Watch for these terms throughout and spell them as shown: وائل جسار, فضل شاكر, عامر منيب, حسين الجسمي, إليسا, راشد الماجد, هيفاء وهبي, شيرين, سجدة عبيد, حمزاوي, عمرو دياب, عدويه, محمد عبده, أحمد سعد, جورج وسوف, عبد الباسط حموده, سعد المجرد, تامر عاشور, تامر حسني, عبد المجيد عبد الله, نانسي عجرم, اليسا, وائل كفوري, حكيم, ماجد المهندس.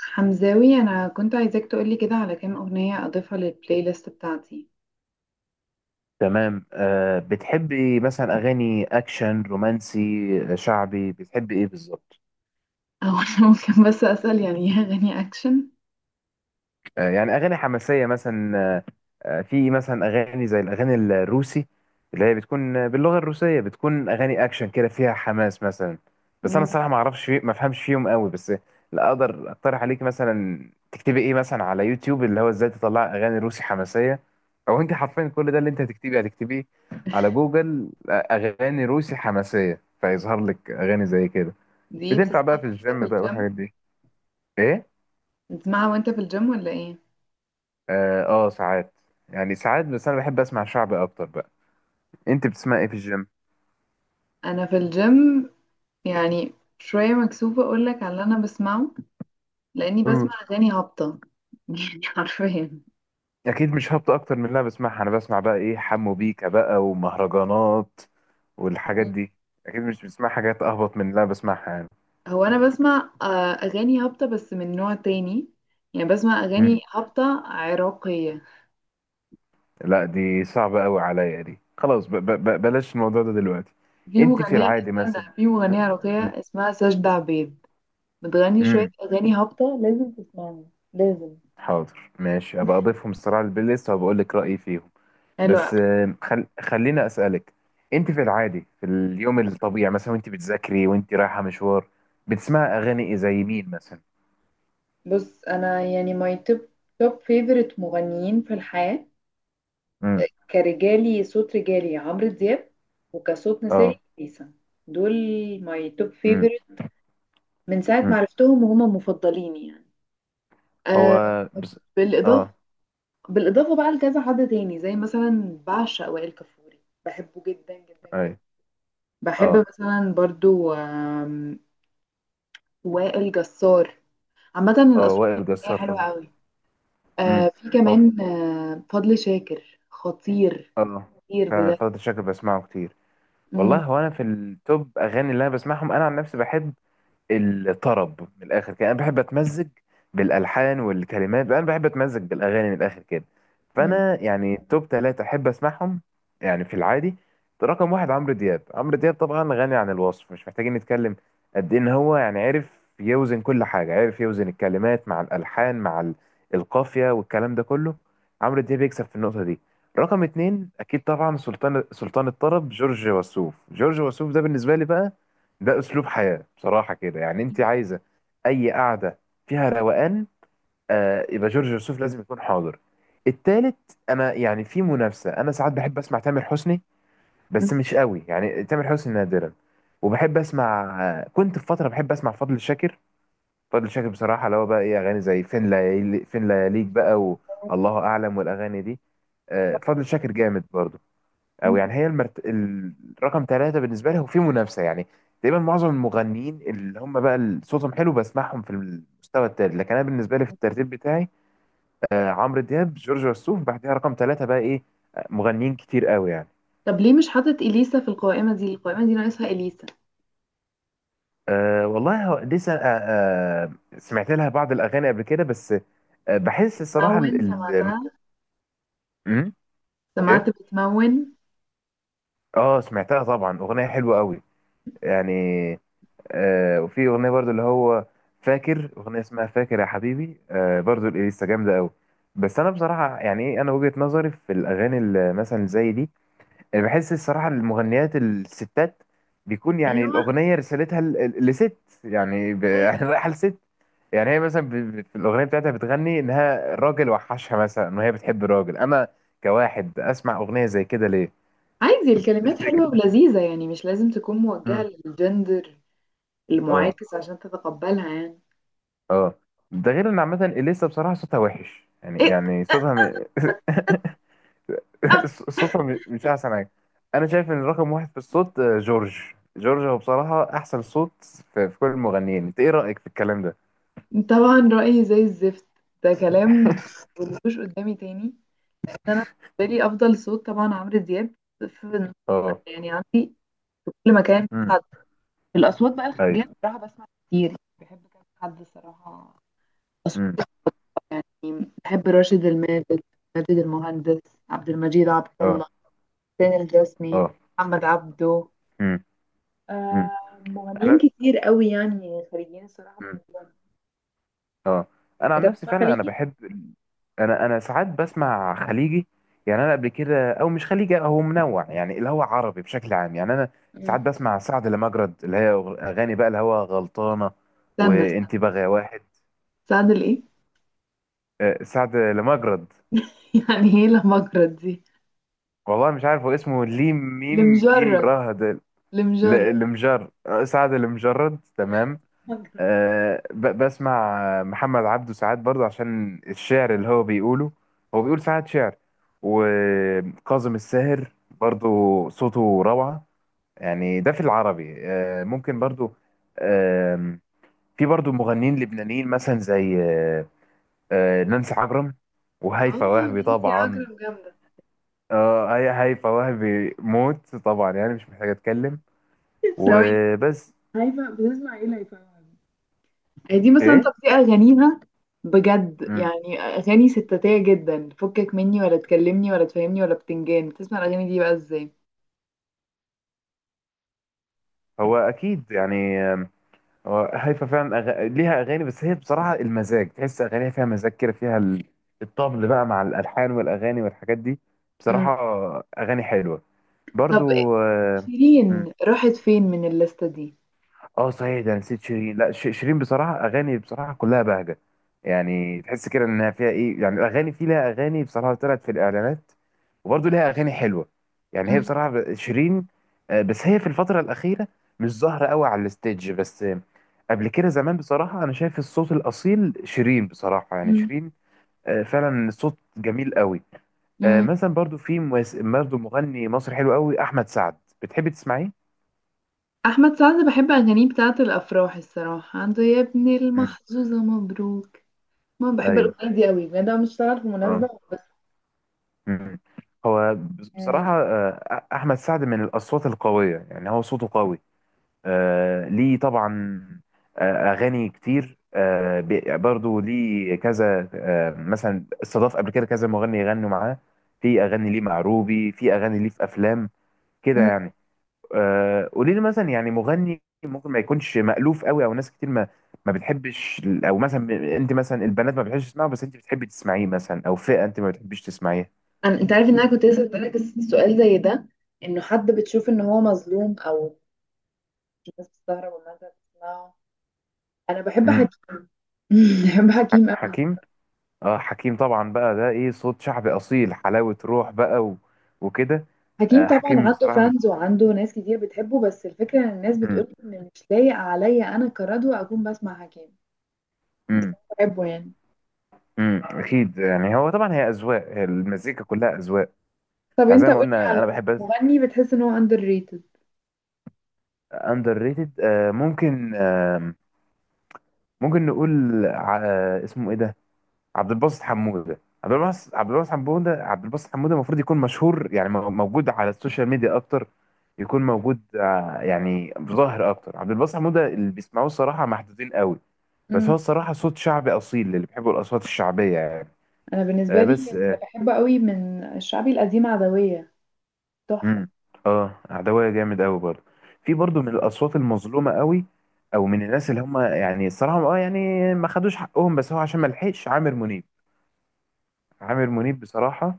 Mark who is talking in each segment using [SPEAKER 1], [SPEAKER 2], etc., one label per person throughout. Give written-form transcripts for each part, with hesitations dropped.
[SPEAKER 1] حمزاوي، انا كنت عايزاك تقولي كده على كام اغنيه اضيفها للبلاي ليست بتاعتي.
[SPEAKER 2] تمام. بتحبي مثلا اغاني اكشن رومانسي؟ شعبي، بتحبي ايه بالظبط؟
[SPEAKER 1] او انا ممكن بس اسال، يعني هي اغاني اكشن؟
[SPEAKER 2] يعني اغاني حماسيه مثلا في مثلا اغاني زي الاغاني الروسي، اللي هي بتكون باللغه الروسيه، بتكون اغاني اكشن كده فيها حماس مثلا. بس انا
[SPEAKER 1] مم.
[SPEAKER 2] الصراحه ما اعرفش فيه، ما افهمش فيهم قوي، بس لا اقدر اقترح عليك. مثلا تكتبي ايه مثلا على يوتيوب، اللي هو ازاي تطلع اغاني روسي حماسيه، او انت حرفيا كل ده اللي انت هتكتبيه هتكتبيه على جوجل، اغاني روسي حماسيه، فيظهر لك اغاني زي كده.
[SPEAKER 1] دي
[SPEAKER 2] بتنفع بقى في
[SPEAKER 1] بتسمعها وانت في
[SPEAKER 2] الجيم بقى
[SPEAKER 1] الجيم؟
[SPEAKER 2] والحاجات دي. ايه.
[SPEAKER 1] بتسمعها وانت في الجيم ولا ايه؟
[SPEAKER 2] اه، ساعات. يعني ساعات، بس انا بحب اسمع شعبي اكتر بقى. انت بتسمع ايه في الجيم؟
[SPEAKER 1] انا في الجيم، يعني شويه مكسوفه اقول لك على اللي انا بسمعه، لاني بسمع
[SPEAKER 2] مم.
[SPEAKER 1] اغاني هابطه. يعني حرفيا.
[SPEAKER 2] اكيد مش هبط اكتر من اللي انا بسمعها. انا بسمع بقى ايه، حمو بيكا بقى ومهرجانات والحاجات
[SPEAKER 1] مم.
[SPEAKER 2] دي. اكيد مش بسمع حاجات اهبط من اللي انا بسمعها يعني.
[SPEAKER 1] هو انا بسمع اغاني هابطه بس من نوع تاني، يعني بسمع اغاني
[SPEAKER 2] مم.
[SPEAKER 1] هابطه عراقيه.
[SPEAKER 2] لا دي صعبة قوي عليا دي، خلاص ب ب ب بلاش الموضوع ده دلوقتي.
[SPEAKER 1] في
[SPEAKER 2] انت في
[SPEAKER 1] مغنية
[SPEAKER 2] العادي مثلا.
[SPEAKER 1] استنى، في مغنية عراقية اسمها سجدة عبيد، بتغني شوية
[SPEAKER 2] امم.
[SPEAKER 1] أغاني هابطة، لازم تسمعها. لازم.
[SPEAKER 2] حاضر ماشي، ابقى اضيفهم الصراحة للبلاي ليست وبقول لك رأيي فيهم.
[SPEAKER 1] حلوة.
[SPEAKER 2] بس خلينا اسالك، انت في العادي، في اليوم الطبيعي مثلا وانت بتذاكري وانت رايحه مشوار، بتسمعي اغاني إيه؟ زي مين مثلا؟
[SPEAKER 1] بص انا يعني ماي توب توب فيفورت مغنيين في الحياة،
[SPEAKER 2] امم.
[SPEAKER 1] صوت رجالي عمرو دياب، وكصوت نسائي
[SPEAKER 2] اه.
[SPEAKER 1] اليسا. دول ماي توب
[SPEAKER 2] امم.
[SPEAKER 1] فيفورت، من ساعة ما
[SPEAKER 2] امم.
[SPEAKER 1] عرفتهم وهما مفضلين يعني.
[SPEAKER 2] هو
[SPEAKER 1] آه.
[SPEAKER 2] بس...
[SPEAKER 1] بالإضافة
[SPEAKER 2] اه.
[SPEAKER 1] بالإضافة بقى لكذا حد تاني، زي مثلا بعشق وائل كفوري، بحبه جدا جدا
[SPEAKER 2] اي.
[SPEAKER 1] جدا. بحب
[SPEAKER 2] اه.
[SPEAKER 1] مثلا برضو وائل جسار، عامة
[SPEAKER 2] اه،
[SPEAKER 1] الأصوات
[SPEAKER 2] وائل
[SPEAKER 1] الفنية
[SPEAKER 2] جسار
[SPEAKER 1] حلوة
[SPEAKER 2] طبعا.
[SPEAKER 1] أوي.
[SPEAKER 2] امم.
[SPEAKER 1] في
[SPEAKER 2] هو ف...
[SPEAKER 1] كمان فضل شاكر خطير،
[SPEAKER 2] اه،
[SPEAKER 1] خطير
[SPEAKER 2] فعلا
[SPEAKER 1] بجد.
[SPEAKER 2] فضل شاكر بسمعه كتير. والله،
[SPEAKER 1] مم،
[SPEAKER 2] هو انا في التوب اغاني اللي انا بسمعهم انا عن نفسي بحب الطرب من الاخر كده. انا بحب اتمزج بالالحان والكلمات، انا بحب اتمزج بالاغاني من الاخر كده.
[SPEAKER 1] مم،
[SPEAKER 2] فانا يعني توب ثلاثة احب اسمعهم يعني في العادي. رقم واحد عمرو دياب. عمرو دياب طبعا غني عن الوصف، مش محتاجين نتكلم قد إيه ان هو يعني عرف يوزن كل حاجه، عرف يوزن الكلمات مع الالحان مع القافيه والكلام ده كله. عمرو دياب يكسب في النقطه دي. رقم اتنين اكيد طبعا سلطان، سلطان الطرب جورج وسوف. جورج وسوف ده بالنسبه لي بقى ده اسلوب حياه بصراحه كده، يعني انت عايزه اي قعده فيها روقان، آه يبقى جورج وسوف لازم يكون حاضر. التالت، انا يعني في منافسه، انا ساعات بحب اسمع تامر حسني، بس مش قوي يعني تامر حسني نادرا. وبحب اسمع، كنت في فتره بحب اسمع فضل شاكر. فضل شاكر بصراحه اللي هو بقى ايه اغاني زي فين ليالي، فين لياليك بقى، والله اعلم، والاغاني دي. آه فضل شاكر جامد برضه. او
[SPEAKER 1] مم.
[SPEAKER 2] يعني هي المرت... الرقم ثلاثة بالنسبة لي هو في منافسة يعني، تقريبا معظم المغنيين اللي هم بقى صوتهم حلو بسمعهم في المستوى التالت. لكن انا بالنسبة لي في الترتيب بتاعي، آه عمرو دياب، جورج وسوف، بعدها رقم ثلاثة بقى ايه، مغنيين كتير قوي يعني.
[SPEAKER 1] طب ليه مش حاطط إليسا في القائمة دي؟ القائمة دي ناقصها إليسا.
[SPEAKER 2] والله هو لسه سمعت لها بعض الاغاني قبل كده، بس آه بحس الصراحة
[SPEAKER 1] بتمون
[SPEAKER 2] ال...
[SPEAKER 1] سمعتها؟
[SPEAKER 2] م?
[SPEAKER 1] سمعت
[SPEAKER 2] ايه.
[SPEAKER 1] بتمون؟
[SPEAKER 2] اه، سمعتها طبعا، اغنية حلوة قوي يعني. وفي اغنيه برضو اللي هو فاكر اغنيه اسمها فاكر يا حبيبي، آه برضو الاليسا جامده قوي. بس انا بصراحه يعني ايه، انا وجهه نظري في الاغاني اللي مثلا زي دي، أنا بحس الصراحه المغنيات الستات بيكون يعني
[SPEAKER 1] أيوة.
[SPEAKER 2] الاغنيه رسالتها لست. يعني يعني
[SPEAKER 1] أيوة.
[SPEAKER 2] رايحه لست. يعني هي مثلا في الاغنيه بتاعتها بتغني انها راجل وحشها مثلا، ان هي بتحب راجل. انا كواحد اسمع اغنيه زي كده ليه؟
[SPEAKER 1] عادي،
[SPEAKER 2] دي
[SPEAKER 1] الكلمات حلوة
[SPEAKER 2] الفكره.
[SPEAKER 1] ولذيذة، يعني مش لازم تكون موجهة
[SPEAKER 2] مم.
[SPEAKER 1] للجندر
[SPEAKER 2] اه.
[SPEAKER 1] المعاكس عشان تتقبلها يعني.
[SPEAKER 2] اه. ده غير ان عامه اليسا بصراحه صوتها وحش يعني،
[SPEAKER 1] إيه؟
[SPEAKER 2] يعني صوتها صوتها مش احسن حاجه. انا شايف ان رقم واحد في الصوت جورج. جورج هو بصراحه احسن صوت في كل المغنيين. انت ايه رايك في الكلام ده؟
[SPEAKER 1] طبعا رأيي زي الزفت. ده كلام؟ مقولوش قدامي تاني. انا بالنسبه لي افضل صوت طبعا عمرو دياب، في
[SPEAKER 2] اه.
[SPEAKER 1] يعني عندي كل مكان
[SPEAKER 2] امم.
[SPEAKER 1] حد. الاصوات بقى الخارجيه
[SPEAKER 2] ايوه.
[SPEAKER 1] بصراحه بسمع كتير، بحب كذا حد الصراحه، اصوات.
[SPEAKER 2] امم.
[SPEAKER 1] يعني بحب راشد الماجد، ماجد المهندس، عبد المجيد عبد الله،
[SPEAKER 2] اه.
[SPEAKER 1] حسين الجسمي،
[SPEAKER 2] اه.
[SPEAKER 1] محمد عبده،
[SPEAKER 2] امم. امم.
[SPEAKER 1] آه. مغنيين
[SPEAKER 2] انا.
[SPEAKER 1] كتير قوي يعني خارجيين الصراحه
[SPEAKER 2] امم.
[SPEAKER 1] بحبهم.
[SPEAKER 2] اه، انا
[SPEAKER 1] انت
[SPEAKER 2] عن نفسي
[SPEAKER 1] بتسمع
[SPEAKER 2] فعلا انا
[SPEAKER 1] خليجي؟
[SPEAKER 2] بحب. انا ساعات بسمع خليجي. يعني انا قبل كده، او مش خليجي، هو منوع يعني اللي هو عربي بشكل عام يعني. انا
[SPEAKER 1] مم.
[SPEAKER 2] ساعات بسمع سعد لمجرد، اللي هي اغاني بقى اللي هو غلطانه
[SPEAKER 1] استنى، استنى.
[SPEAKER 2] وانت بغى واحد.
[SPEAKER 1] استنى لإيه؟
[SPEAKER 2] سعد لمجرد.
[SPEAKER 1] يعني ايه لمجرد دي؟
[SPEAKER 2] والله مش عارف، هو اسمه ليم ميم جيم
[SPEAKER 1] لمجرد.
[SPEAKER 2] راه ده. ل-
[SPEAKER 1] لمجرد.
[SPEAKER 2] المجر آه، سعد المجرد تمام.
[SPEAKER 1] مجرد.
[SPEAKER 2] أه بسمع محمد عبده ساعات برضه عشان الشعر اللي هو بيقوله، هو بيقول ساعات شعر. وكاظم الساهر برضه صوته روعة يعني. ده في العربي، أه ممكن برضه. أه في برضه مغنيين لبنانيين مثلا زي أه آه، نانسي عجرم، وهيفاء
[SPEAKER 1] اه.
[SPEAKER 2] وهبي
[SPEAKER 1] نانسي
[SPEAKER 2] طبعا.
[SPEAKER 1] عجرم جامدة.
[SPEAKER 2] اه، هيفاء وهبي موت طبعا يعني مش محتاج اتكلم،
[SPEAKER 1] ثواني.
[SPEAKER 2] وبس.
[SPEAKER 1] هيفا بتسمع ايه لهيفاء وهبي؟ دي مثلا، طب
[SPEAKER 2] ايه.
[SPEAKER 1] دي أغانيها، بجد
[SPEAKER 2] مم.
[SPEAKER 1] يعني أغاني ستاتية جدا، فكك مني ولا تكلمني ولا تفهمني ولا بتنجان، بتسمع الأغاني دي بقى ازاي؟
[SPEAKER 2] هو اكيد يعني، هو هيفا فعلا ليها اغاني، بس هي بصراحه المزاج، تحس اغانيها فيها مزاج كده فيها الطبل بقى مع الالحان والاغاني والحاجات دي.
[SPEAKER 1] مم.
[SPEAKER 2] بصراحه اغاني حلوه
[SPEAKER 1] طب
[SPEAKER 2] برضو
[SPEAKER 1] شيرين راحت فين من الليستة دي؟
[SPEAKER 2] اه صحيح ده نسيت شيرين، لا شيرين بصراحه، اغاني بصراحه كلها بهجه يعني، تحس كده انها فيها ايه يعني اغاني، في لها اغاني بصراحه طلعت في الاعلانات، وبرضه لها اغاني حلوه يعني. هي
[SPEAKER 1] مم.
[SPEAKER 2] بصراحه شيرين بس هي في الفتره الاخيره مش ظاهره قوي على الستيج، بس قبل كده زمان بصراحه انا شايف الصوت الاصيل شيرين بصراحه، يعني
[SPEAKER 1] مم.
[SPEAKER 2] شيرين فعلا صوت جميل قوي.
[SPEAKER 1] مم.
[SPEAKER 2] مثلا برضه في برضه مغني مصري حلو قوي، احمد سعد، بتحبي تسمعيه؟
[SPEAKER 1] أحمد سعد بحب أغانيه بتاعة الأفراح الصراحة، عنده يا ابن
[SPEAKER 2] مم.
[SPEAKER 1] المحظوظة مبروك، ما بحب
[SPEAKER 2] ايوه.
[SPEAKER 1] الاغنيه دي قوي بجد، انا مش طالعه في مناسبه
[SPEAKER 2] اه.
[SPEAKER 1] بس.
[SPEAKER 2] مم. هو
[SPEAKER 1] آه،
[SPEAKER 2] بصراحة أحمد سعد من الأصوات القوية، يعني هو صوته قوي ليه طبعا أغاني كتير برضو ليه كذا مثلا استضاف قبل كده كذا مغني يغنوا معاه. في أغاني ليه مع روبي، في أغاني ليه في أفلام كده
[SPEAKER 1] مم.
[SPEAKER 2] يعني. قولي لي مثلا يعني مغني ممكن ما يكونش مألوف قوي، أو ناس كتير ما بتحبش، أو مثلا أنت مثلا البنات ما بتحبش تسمعه بس أنت بتحبي تسمعيه مثلا، أو فئة أنت ما بتحبيش تسمعيها.
[SPEAKER 1] انت عارف ان انا كنت لسه بسالك سؤال زي ده، انه حد بتشوف ان هو مظلوم، او الناس بتستغرب والناس بتسمعه. انا بحب حكيم. بحب حكيم قوي.
[SPEAKER 2] حكيم. اه حكيم طبعا بقى ده ايه، صوت شعبي اصيل، حلاوة روح بقى وكده.
[SPEAKER 1] حكيم
[SPEAKER 2] آه
[SPEAKER 1] طبعا
[SPEAKER 2] حكيم
[SPEAKER 1] عنده
[SPEAKER 2] بصراحة
[SPEAKER 1] فانز وعنده ناس كتير بتحبه، بس الفكره ان الناس
[SPEAKER 2] م...
[SPEAKER 1] بتقول ان مش لايق عليا انا كردو اكون بسمع حكيم. بس أنا
[SPEAKER 2] م...
[SPEAKER 1] بحبه يعني.
[SPEAKER 2] اكيد يعني، هو طبعا هي اذواق، هي المزيكا كلها اذواق
[SPEAKER 1] طب
[SPEAKER 2] يعني. زي
[SPEAKER 1] انت
[SPEAKER 2] ما
[SPEAKER 1] قولي
[SPEAKER 2] قلنا
[SPEAKER 1] على
[SPEAKER 2] انا بحب
[SPEAKER 1] مغني بتحس ان هو underrated.
[SPEAKER 2] اندر ريتد. آه ممكن، آه ممكن نقول اسمه ايه ده، عبد الباسط حموده. عبد الباسط حموده المفروض يكون مشهور، يعني موجود على السوشيال ميديا اكتر، يكون موجود يعني ظاهر اكتر. عبد الباسط حموده اللي بيسمعوه الصراحه محدودين قوي، بس هو
[SPEAKER 1] مم.
[SPEAKER 2] الصراحه صوت شعبي اصيل اللي بيحبوا الاصوات الشعبيه يعني.
[SPEAKER 1] انا بالنسبه
[SPEAKER 2] آه
[SPEAKER 1] لي
[SPEAKER 2] بس
[SPEAKER 1] اللي
[SPEAKER 2] اه.
[SPEAKER 1] بحبه قوي من الشعبي القديم عدويه، تحفة.
[SPEAKER 2] مم. اه، عدويه جامد قوي برضه، في برضه من الاصوات المظلومه قوي، او من الناس اللي هم يعني الصراحه اه يعني ما خدوش حقهم. بس هو عشان ما لحقش، عامر منيب. عامر منيب بصراحه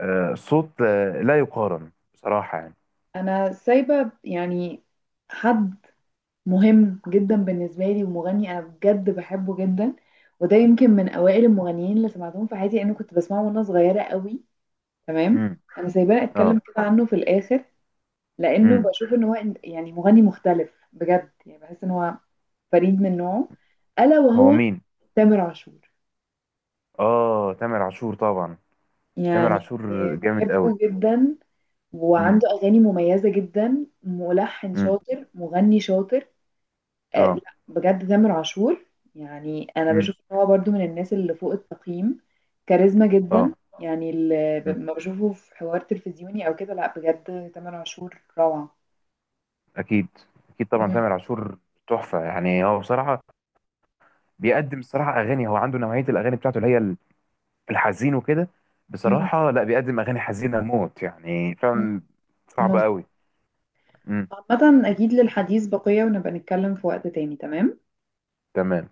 [SPEAKER 2] صوت لا يقارن بصراحة يعني.
[SPEAKER 1] أنا سايبة يعني حد مهم جدا بالنسبة لي، ومغني أنا بجد بحبه جدا، وده يمكن من أوائل المغنيين اللي سمعتهم في حياتي، لأنه كنت بسمعه وأنا صغيرة قوي. تمام.
[SPEAKER 2] امم.
[SPEAKER 1] أنا سايباه أتكلم
[SPEAKER 2] اه.
[SPEAKER 1] كده عنه في الآخر، لأنه
[SPEAKER 2] امم.
[SPEAKER 1] بشوف إن هو يعني مغني مختلف بجد، يعني بحس إن هو فريد من نوعه، ألا
[SPEAKER 2] هو
[SPEAKER 1] وهو
[SPEAKER 2] مين؟
[SPEAKER 1] تامر عاشور.
[SPEAKER 2] اه، تامر عاشور طبعا. تامر
[SPEAKER 1] يعني
[SPEAKER 2] عاشور جامد قوي.
[SPEAKER 1] بحبه جدا،
[SPEAKER 2] امم.
[SPEAKER 1] وعنده أغاني مميزة جدا، ملحن
[SPEAKER 2] امم.
[SPEAKER 1] شاطر مغني شاطر.
[SPEAKER 2] اه.
[SPEAKER 1] لا بجد تامر عاشور، يعني انا
[SPEAKER 2] امم.
[SPEAKER 1] بشوف ان هو برضو من الناس اللي فوق التقييم، كاريزما جدا.
[SPEAKER 2] اه.
[SPEAKER 1] يعني اللي
[SPEAKER 2] امم.
[SPEAKER 1] ما بشوفه في حوار تلفزيوني او كده، لا بجد تامر عاشور روعة.
[SPEAKER 2] اكيد، اكيد طبعا
[SPEAKER 1] مم.
[SPEAKER 2] تامر عاشور تحفة يعني. هو بصراحة بيقدم الصراحة اغاني، هو عنده نوعية الاغاني بتاعته اللي هي الحزين وكده
[SPEAKER 1] مم.
[SPEAKER 2] بصراحة، لا بيقدم اغاني حزينة موت يعني
[SPEAKER 1] مم.
[SPEAKER 2] فعلا. صعبة
[SPEAKER 1] مظبوط.
[SPEAKER 2] قوي. امم.
[SPEAKER 1] عامة اكيد للحديث بقية، ونبقى نتكلم في وقت تاني، تمام.
[SPEAKER 2] تمام.